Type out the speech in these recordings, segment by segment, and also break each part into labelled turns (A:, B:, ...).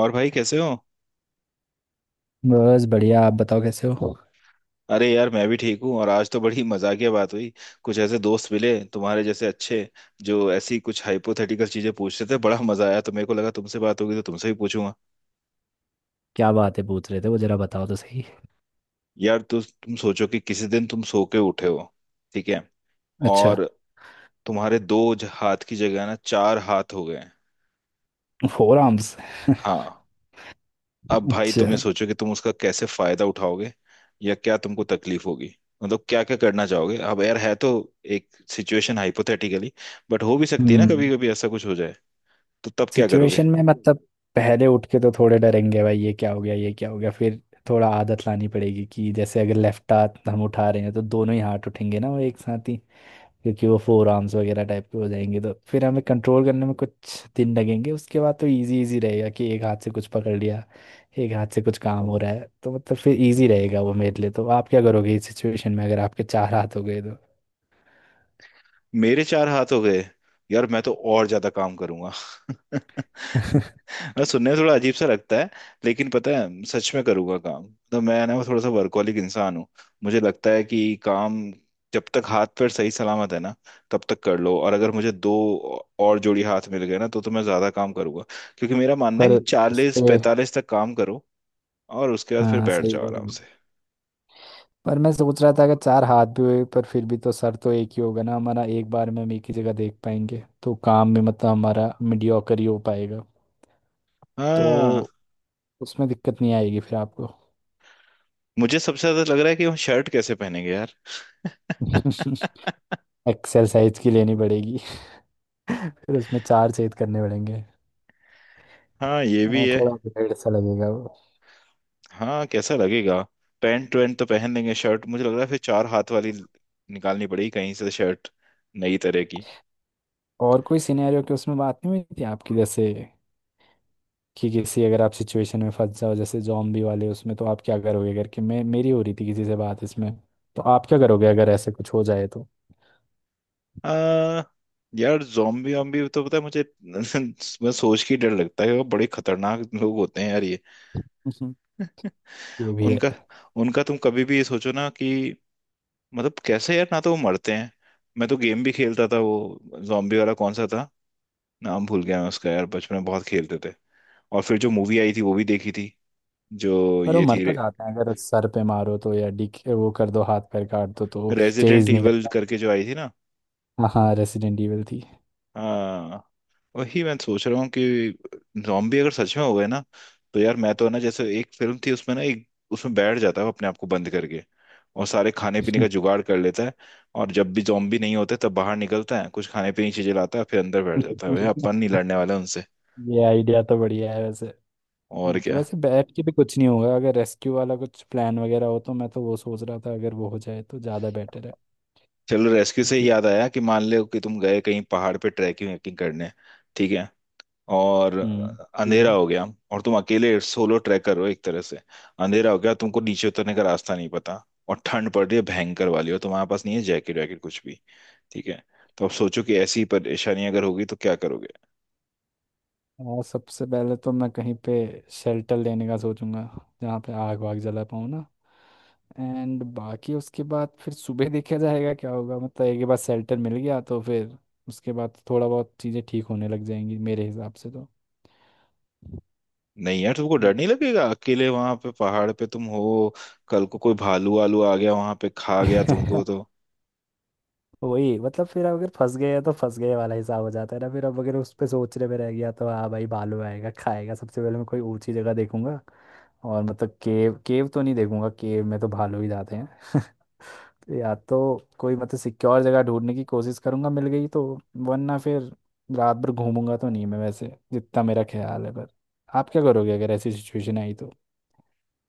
A: और भाई कैसे हो?
B: बस बढ़िया। आप बताओ कैसे हो?
A: अरे यार, मैं भी ठीक हूँ। और आज तो बड़ी मजाकिया बात हुई। कुछ ऐसे दोस्त मिले तुम्हारे जैसे अच्छे, जो ऐसी कुछ हाइपोथेटिकल चीजें पूछ रहे थे। बड़ा मजा आया, तो मेरे को लगा तुमसे बात होगी तो तुमसे भी पूछूंगा।
B: क्या बातें पूछ रहे थे वो जरा बताओ तो सही।
A: यार, तुम सोचो कि किसी दिन तुम सो के उठे हो। ठीक है।
B: अच्छा।
A: और तुम्हारे दो हाथ की जगह ना चार हाथ हो गए हैं।
B: Four arms.
A: हाँ। अब भाई
B: अच्छा।
A: तुम ये सोचो कि तुम उसका कैसे फायदा उठाओगे, या क्या तुमको तकलीफ होगी? मतलब क्या क्या करना चाहोगे? अब यार, है तो एक सिचुएशन हाइपोथेटिकली, बट हो भी सकती है ना, कभी
B: हम्म।
A: कभी ऐसा कुछ हो जाए। तो तब क्या करोगे?
B: सिचुएशन में मतलब, पहले उठ के तो थोड़े डरेंगे भाई, ये क्या हो गया ये क्या हो गया, फिर थोड़ा आदत लानी पड़ेगी कि जैसे अगर लेफ्ट हाथ हम उठा रहे हैं तो दोनों ही हाथ उठेंगे ना वो, एक साथ ही, क्योंकि वो फोर आर्म्स वगैरह टाइप के हो जाएंगे तो फिर हमें कंट्रोल करने में कुछ दिन लगेंगे। उसके बाद तो इजी इजी रहेगा कि एक हाथ से कुछ पकड़ लिया, एक हाथ से कुछ काम हो रहा है तो मतलब फिर इजी रहेगा वो मेरे लिए। तो आप क्या करोगे इस सिचुएशन में अगर आपके चार हाथ हो गए तो?
A: मेरे चार हाथ हो गए? यार मैं तो और ज्यादा काम करूंगा। मैं, सुनने में थोड़ा अजीब सा लगता है, लेकिन पता है सच में करूंगा काम। तो मैं ना, वो थोड़ा सा वर्कहोलिक इंसान हूँ। मुझे लगता है कि काम, जब तक हाथ पैर सही सलामत है ना, तब तक कर लो। और अगर मुझे दो और जोड़ी हाथ मिल गए ना तो मैं ज्यादा काम करूंगा, क्योंकि मेरा मानना है कि
B: पर उस
A: 40
B: पे।
A: 45 तक काम करो और उसके बाद फिर
B: हाँ,
A: बैठ
B: सही
A: जाओ
B: कह रहे
A: आराम
B: हो।
A: से।
B: पर मैं सोच रहा था अगर चार हाथ भी हुए पर फिर भी तो सर तो एक ही होगा ना हमारा, एक बार में हम एक ही जगह देख पाएंगे तो काम में मतलब हमारा मीडियोकर ही हो पाएगा।
A: हाँ।
B: तो उसमें दिक्कत नहीं आएगी फिर आपको?
A: मुझे सबसे ज्यादा लग रहा है कि हम शर्ट कैसे पहनेंगे यार।
B: एक्सरसाइज की लेनी पड़ेगी। फिर उसमें चार छेद करने पड़ेंगे।
A: हाँ ये भी है।
B: थोड़ा वेट सा लगेगा वो।
A: हाँ, कैसा लगेगा? पैंट वैंट तो पहन लेंगे, शर्ट मुझे लग रहा है फिर चार हाथ वाली निकालनी पड़ेगी कहीं से, शर्ट नई तरह की।
B: और कोई सिनेरियो की उसमें बात नहीं हुई थी आपकी, जैसे कि किसी, अगर आप सिचुएशन में फंस जाओ जैसे जॉम्बी वाले उसमें तो आप क्या करोगे करके, मैं, मेरी हो रही थी किसी से बात इसमें। तो आप क्या करोगे अगर ऐसे कुछ हो जाए तो?
A: आ, यार zombie वॉम्बी तो पता है मुझे। मैं सोच के ही डर लगता है, वो बड़े खतरनाक लोग होते हैं यार, ये
B: ये भी है।
A: उनका उनका तुम कभी भी ये सोचो ना कि, मतलब कैसे यार, ना तो वो मरते हैं। मैं तो गेम भी खेलता था वो, जॉम्बी वाला कौन सा था? नाम भूल गया मैं उसका यार, बचपन में बहुत खेलते थे। और फिर जो मूवी आई थी वो भी देखी थी, जो
B: पर वो
A: ये थी,
B: मरता जाता है अगर सर पे मारो तो, या डिक वो कर दो, हाथ पैर काट दो तो
A: रेजिडेंट
B: चेज नहीं
A: इविल करके जो आई थी ना।
B: करता। हाँ, रेसिडेंट इविल थी।
A: हाँ। वही मैं सोच रहा हूँ कि जॉम्बी अगर सच में हो गए ना, तो यार मैं तो ना, जैसे एक फिल्म थी उसमें ना, एक उसमें बैठ जाता है अपने आप को बंद करके, और सारे खाने पीने का जुगाड़ कर लेता है। और जब भी जॉम्बी नहीं होते तब बाहर निकलता है, कुछ खाने पीने की चीजें लाता है, फिर अंदर बैठ जाता है। भाई अपन नहीं लड़ने वाला उनसे।
B: ये आइडिया तो बढ़िया है वैसे।
A: और क्या।
B: वैसे बैट के भी कुछ नहीं होगा अगर रेस्क्यू वाला कुछ प्लान वगैरह हो तो। मैं तो वो सोच रहा था अगर वो हो जाए तो ज़्यादा बेटर है।
A: चलो, रेस्क्यू से ही
B: क्योंकि।
A: याद आया कि मान लो कि तुम गए कहीं पहाड़ पे ट्रैकिंग वैकिंग करने। ठीक है। और
B: हम्म। ठीक
A: अंधेरा
B: है।
A: हो गया। और तुम अकेले सोलो ट्रैकर हो एक तरह से। अंधेरा हो गया, तुमको नीचे उतरने का रास्ता नहीं पता। और ठंड पड़ रही है भयंकर वाली, और तुम्हारे पास नहीं है जैकेट वैकेट कुछ भी। ठीक है। तो अब सोचो कि ऐसी परेशानी अगर होगी तो क्या करोगे?
B: और सबसे पहले तो मैं कहीं पे शेल्टर लेने का सोचूंगा, जहाँ पे आग वाग जला पाऊँ ना। एंड बाकी उसके बाद फिर सुबह देखा जाएगा क्या होगा, मतलब एक बार शेल्टर मिल गया तो फिर उसके बाद थोड़ा बहुत चीज़ें ठीक होने लग जाएंगी मेरे हिसाब से तो।
A: नहीं यार, तुमको
B: हम्म।
A: डर नहीं लगेगा? अकेले वहां पे पहाड़ पे तुम हो। कल को कोई भालू वालू आ गया वहां पे, खा गया तुमको तो।
B: वही, मतलब फिर अगर फंस गए हैं तो फंस गए वाला हिसाब हो जाता है ना फिर। अब अगर उस पे सोचने में रह गया तो हाँ भाई, भालू आएगा खाएगा। सबसे पहले मैं कोई ऊंची जगह देखूंगा। और मतलब केव केव तो नहीं देखूंगा, केव में तो भालू ही जाते हैं। तो या तो कोई मतलब सिक्योर जगह ढूंढने की कोशिश करूंगा, मिल गई तो, वरना फिर रात भर घूमूंगा तो नहीं मैं वैसे जितना मेरा ख्याल है। पर आप क्या करोगे अगर ऐसी सिचुएशन आई तो?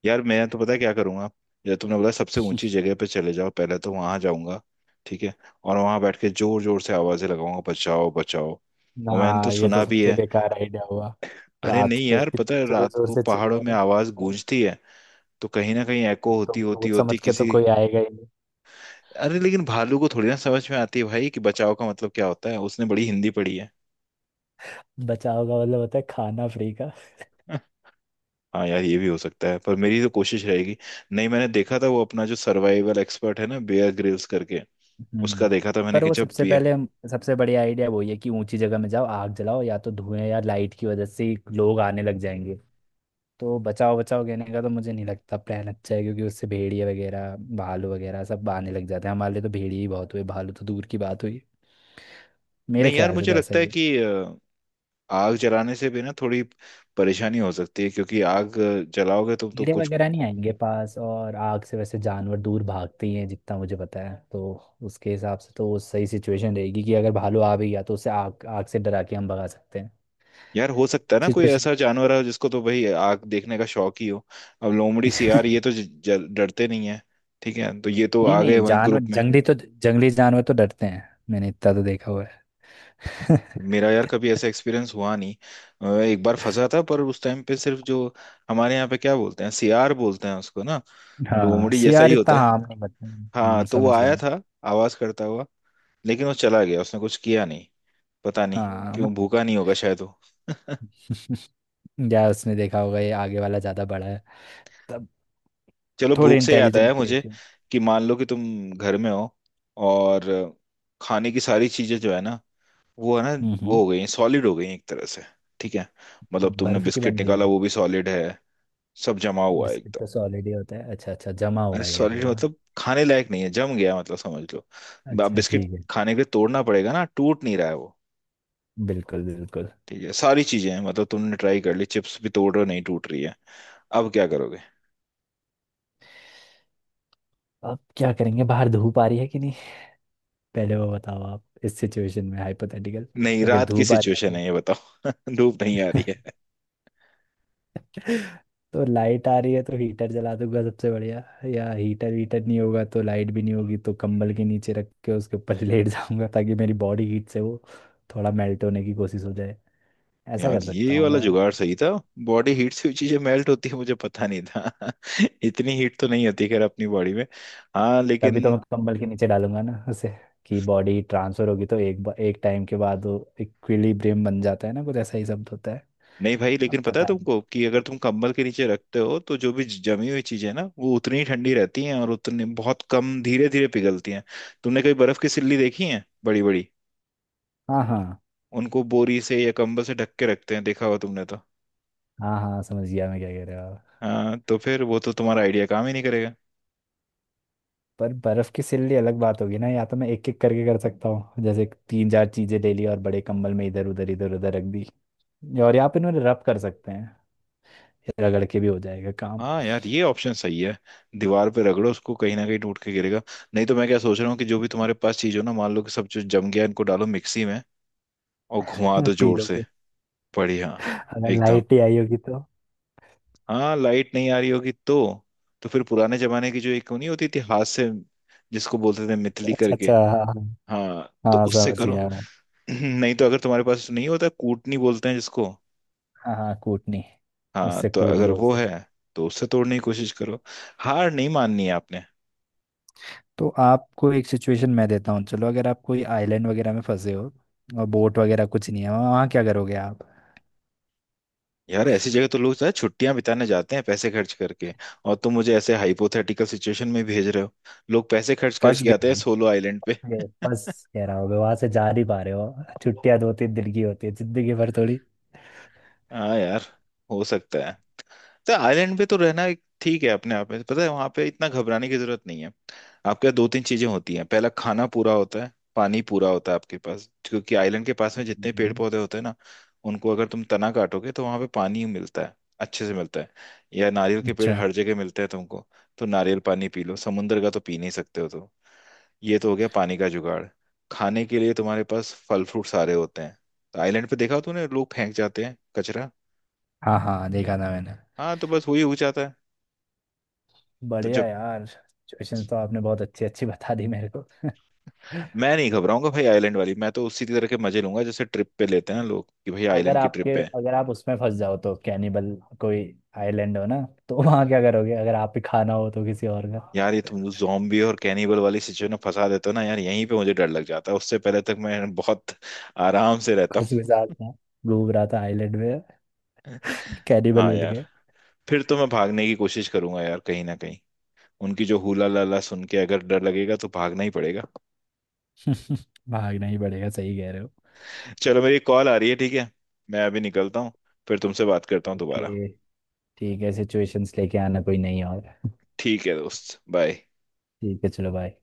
A: यार मैं तो पता है क्या करूंगा। जैसे तुमने बोला सबसे ऊंची जगह पे चले जाओ, पहले तो वहां जाऊंगा। ठीक है। और वहां बैठ के जोर जोर से आवाजें लगाऊंगा, बचाओ बचाओ।
B: ना,
A: और मैंने तो
B: ये तो
A: सुना भी
B: सबसे
A: है,
B: बेकार आइडिया हुआ,
A: अरे
B: रात
A: नहीं
B: पे
A: यार, पता
B: इतनी
A: है
B: जोर
A: रात
B: जोर
A: को
B: से
A: पहाड़ों में
B: चिल्लाना।
A: आवाज गूंजती है। तो कहीं ना कहीं एको
B: तो
A: होती होती
B: भूत
A: होती
B: समझ के तो
A: किसी।
B: कोई आएगा ही नहीं।
A: अरे लेकिन भालू को थोड़ी ना समझ में आती है भाई कि बचाव का मतलब क्या होता है। उसने बड़ी हिंदी पढ़ी है।
B: बचा होगा मतलब होता है खाना फ्री का।
A: हाँ यार, ये भी हो सकता है पर मेरी तो कोशिश रहेगी। नहीं, मैंने देखा था वो अपना जो सर्वाइवल एक्सपर्ट है ना, बेयर ग्रिल्स करके, उसका
B: हम्म।
A: देखा था मैंने
B: पर
A: कि
B: वो
A: जब,
B: सबसे पहले, सबसे बढ़िया आइडिया वही है कि ऊंची जगह में जाओ, आग जलाओ, या तो धुएं या लाइट की वजह से ही लोग आने लग जाएंगे। तो बचाओ बचाओ कहने का तो मुझे नहीं लगता प्लान अच्छा है, क्योंकि उससे भेड़िया वगैरह, भालू वगैरह सब आने लग जाते हैं। हमारे लिए तो भेड़िया ही बहुत हुए, भालू तो दूर की बात हुई। मेरे
A: नहीं यार
B: ख्याल से
A: मुझे
B: तो ऐसा
A: लगता
B: ही
A: है
B: है।
A: कि आग जलाने से भी ना थोड़ी परेशानी हो सकती है, क्योंकि आग जलाओगे तुम तो
B: कीड़े
A: कुछ,
B: वगैरह नहीं आएंगे पास, और आग से वैसे जानवर दूर भागते ही हैं जितना मुझे पता है। तो उसके हिसाब से तो वो सही सिचुएशन रहेगी कि अगर भालू आ भी गया तो उसे आग, आग से डरा के हम भगा सकते हैं।
A: यार हो सकता है ना कोई
B: सिचुएशन।
A: ऐसा जानवर हो जिसको तो भाई आग देखने का शौक ही हो। अब लोमड़ी सियार ये तो डरते नहीं है। ठीक है, तो ये तो
B: नहीं
A: आ गए
B: नहीं,
A: वहीं
B: जानवर
A: ग्रुप में।
B: जंगली तो, जंगली जानवर तो डरते हैं, मैंने इतना तो देखा हुआ है।
A: मेरा यार कभी ऐसा एक्सपीरियंस हुआ नहीं। एक बार फंसा था पर उस टाइम पे सिर्फ जो हमारे यहाँ पे क्या बोलते हैं, सियार बोलते हैं उसको ना,
B: हाँ
A: लोमड़ी जैसा ही
B: सियार, इतना
A: होता है।
B: हाँ नहीं बता।
A: हाँ, तो वो
B: समझ गया।
A: आया था आवाज करता हुआ, लेकिन वो चला गया, उसने कुछ किया नहीं। पता नहीं
B: हाँ मत।
A: क्यों, भूखा नहीं होगा शायद वो।
B: यार उसने देखा होगा ये आगे वाला ज्यादा बड़ा है तब,
A: चलो,
B: थोड़े
A: भूख से याद
B: इंटेलिजेंट
A: आया मुझे
B: क्रिएचर।
A: कि मान लो कि तुम घर में हो, और खाने की सारी चीजें जो है ना, वो है ना, वो
B: हम्म।
A: हो गई हैं सॉलिड, हो गई हैं एक तरह से। ठीक है। मतलब तुमने
B: बर्फ की
A: बिस्किट
B: बन गई।
A: निकाला, वो भी सॉलिड है, सब जमा हुआ है
B: बिस्किट
A: एकदम।
B: तो सॉलिड ही होता है। अच्छा अच्छा, जमा
A: अरे
B: हुआ है कह रहे
A: सॉलिड
B: हो, हाँ।
A: मतलब खाने लायक नहीं है, जम गया मतलब, समझ लो। अब
B: अच्छा
A: बिस्किट
B: ठीक है।
A: खाने के लिए तोड़ना पड़ेगा ना, टूट नहीं रहा है वो।
B: बिल्कुल बिल्कुल।
A: ठीक है, सारी चीजें हैं मतलब, तुमने ट्राई कर ली, चिप्स भी तोड़ रहे हो, नहीं टूट रही है। अब क्या करोगे?
B: अब क्या करेंगे, बाहर धूप आ रही है कि नहीं? पहले वो बताओ, आप इस सिचुएशन में हाइपोथेटिकल।
A: नहीं,
B: अगर
A: रात की
B: धूप आ रही
A: सिचुएशन
B: है तो
A: है, ये बताओ। धूप नहीं आ रही है।
B: तो लाइट आ रही है तो हीटर जला दूंगा सबसे बढ़िया। या हीटर वीटर नहीं होगा तो लाइट भी नहीं होगी, तो कंबल के नीचे रख के उसके ऊपर लेट जाऊंगा, ताकि मेरी बॉडी हीट से वो थोड़ा मेल्ट होने की कोशिश हो जाए। ऐसा
A: यार
B: कर सकता
A: ये
B: हूँ
A: वाला
B: मैं।
A: जुगाड़ सही था। बॉडी हीट से हुई चीजें मेल्ट होती है, मुझे पता नहीं था। इतनी हीट तो नहीं होती खैर अपनी बॉडी में। हाँ
B: तभी
A: लेकिन,
B: तो मैं कंबल के नीचे डालूंगा ना उसे, कि बॉडी ट्रांसफर होगी तो एक टाइम के बाद वो इक्विलिब्रियम बन जाता है ना, कुछ ऐसा ही शब्द होता है।
A: नहीं भाई,
B: अब
A: लेकिन पता है
B: पता नहीं।
A: तुमको कि अगर तुम कंबल के नीचे रखते हो तो जो भी जमी हुई चीजें ना, वो उतनी ही ठंडी रहती हैं और उतनी बहुत कम धीरे धीरे पिघलती हैं। तुमने कभी बर्फ की सिल्ली देखी है बड़ी बड़ी?
B: हाँ हाँ।
A: उनको बोरी से या कंबल से ढक के रखते हैं, देखा होगा तुमने तो।
B: हाँ हाँ, समझ गया मैं क्या कह रहे हो आप।
A: हाँ, तो फिर वो तो तुम्हारा आइडिया काम ही नहीं करेगा।
B: पर बर्फ की सिल्ली अलग बात होगी ना, या तो मैं एक एक करके कर सकता हूँ, जैसे तीन चार चीजें ले ली और बड़े कंबल में इधर उधर रख दी। और यहाँ पे इन्होंने रब कर सकते हैं, ये रगड़ के भी हो जाएगा काम।
A: हाँ यार, ये ऑप्शन सही है। दीवार पे रगड़ो उसको, कहीं ना कहीं टूट के गिरेगा। नहीं तो मैं क्या सोच रहा हूँ कि जो भी तुम्हारे पास चीज हो ना, मान लो कि सब जो जम गया, इनको डालो मिक्सी में, और घुमा दो जोर
B: पीलो
A: से।
B: पे।
A: बढ़िया।
B: अगर
A: एकदम।
B: लाइट ही आई होगी तो।
A: हाँ, लाइट नहीं आ रही होगी तो फिर पुराने जमाने की जो, एक नहीं होती थी हाथ से, जिसको बोलते थे मितली
B: अच्छा
A: करके।
B: अच्छा, हाँ हाँ।
A: हाँ, तो
B: हाँ,
A: उससे
B: समझ
A: करो।
B: गया।
A: नहीं तो अगर तुम्हारे पास नहीं होता, कूटनी बोलते हैं जिसको।
B: हाँ हाँ, कूटनी।
A: हाँ,
B: उससे
A: तो
B: कूट
A: अगर
B: दो
A: वो
B: उसे।
A: है तो उससे तोड़ने की कोशिश करो। हार नहीं माननी है आपने।
B: तो आपको एक सिचुएशन मैं देता हूँ, चलो अगर आप कोई आइलैंड वगैरह में फंसे हो, और बोट वगैरह कुछ नहीं है वहाँ, वहाँ क्या करोगे आप?
A: यार, ऐसी जगह तो लोग छुट्टियां बिताने जाते हैं पैसे खर्च करके, और तुम मुझे ऐसे हाइपोथेटिकल सिचुएशन में भेज रहे हो। लोग पैसे खर्च
B: फंस
A: करके
B: गए,
A: आते हैं सोलो आइलैंड
B: फंस
A: पे।
B: गए, फंस। कह रहा होगा वहां से जा नहीं पा रहे हो, छुट्टियां दो तीन दिन की होती है, जिंदगी भर थोड़ी।
A: हाँ यार, हो सकता है। तो आइलैंड पे तो रहना एक ठीक है अपने आप में, पता है वहां पे इतना घबराने की जरूरत नहीं है। आपके दो तीन चीजें होती हैं, पहला, खाना पूरा होता है, पानी पूरा होता है आपके पास, क्योंकि आइलैंड के पास में जितने पेड़
B: हम्म।
A: पौधे होते हैं ना, उनको अगर तुम तना काटोगे तो वहां पे पानी मिलता है, अच्छे से मिलता है। या नारियल के पेड़
B: अच्छा।
A: हर जगह मिलते हैं तुमको, तो नारियल पानी पी लो, समुंदर का तो पी नहीं सकते हो तो। ये तो हो गया पानी का जुगाड़। खाने के लिए तुम्हारे पास फल फ्रूट सारे होते हैं। तो आइलैंड पे देखा तूने, लोग फेंक जाते हैं कचरा।
B: हाँ हाँ, देखा था मैंने।
A: हाँ, तो बस वही हो जाता है। तो
B: बढ़िया
A: जब,
B: यार, सिचुएशन तो आपने बहुत अच्छी अच्छी बता दी मेरे को।
A: मैं नहीं घबराऊंगा भाई आइलैंड वाली, मैं तो उसी तरह के मजे लूंगा जैसे ट्रिप पे लेते हैं ना लोग कि भाई,
B: अगर
A: आइलैंड की
B: आपके,
A: ट्रिप पे हैं।
B: अगर आप उसमें फंस जाओ तो कैनिबल, कोई आइलैंड हो ना, तो वहां क्या करोगे अगर आप ही खाना हो तो किसी और का?
A: यार, ये तुम जॉम्बी और कैनिबल वाली सिचुएशन में फंसा देते हो ना यार, यहीं पे मुझे डर लग जाता है, उससे पहले तक मैं बहुत आराम से रहता
B: खुश
A: हूँ।
B: मिजाज था, घूम रहा था आइलैंड में, कैनिबल
A: हाँ
B: मिल
A: यार,
B: गए।
A: फिर तो मैं भागने की कोशिश करूंगा यार, कहीं ना कहीं उनकी जो हुला लाला सुन के अगर डर लगेगा तो भागना ही पड़ेगा।
B: भागना ही पड़ेगा, सही कह रहे हो।
A: चलो, मेरी कॉल आ रही है, ठीक है। मैं अभी निकलता हूँ, फिर तुमसे बात करता हूँ दोबारा।
B: ओके। ठीक है, सिचुएशंस लेके आना, कोई नहीं और।
A: ठीक है दोस्त, बाय।
B: ठीक है चलो, बाय।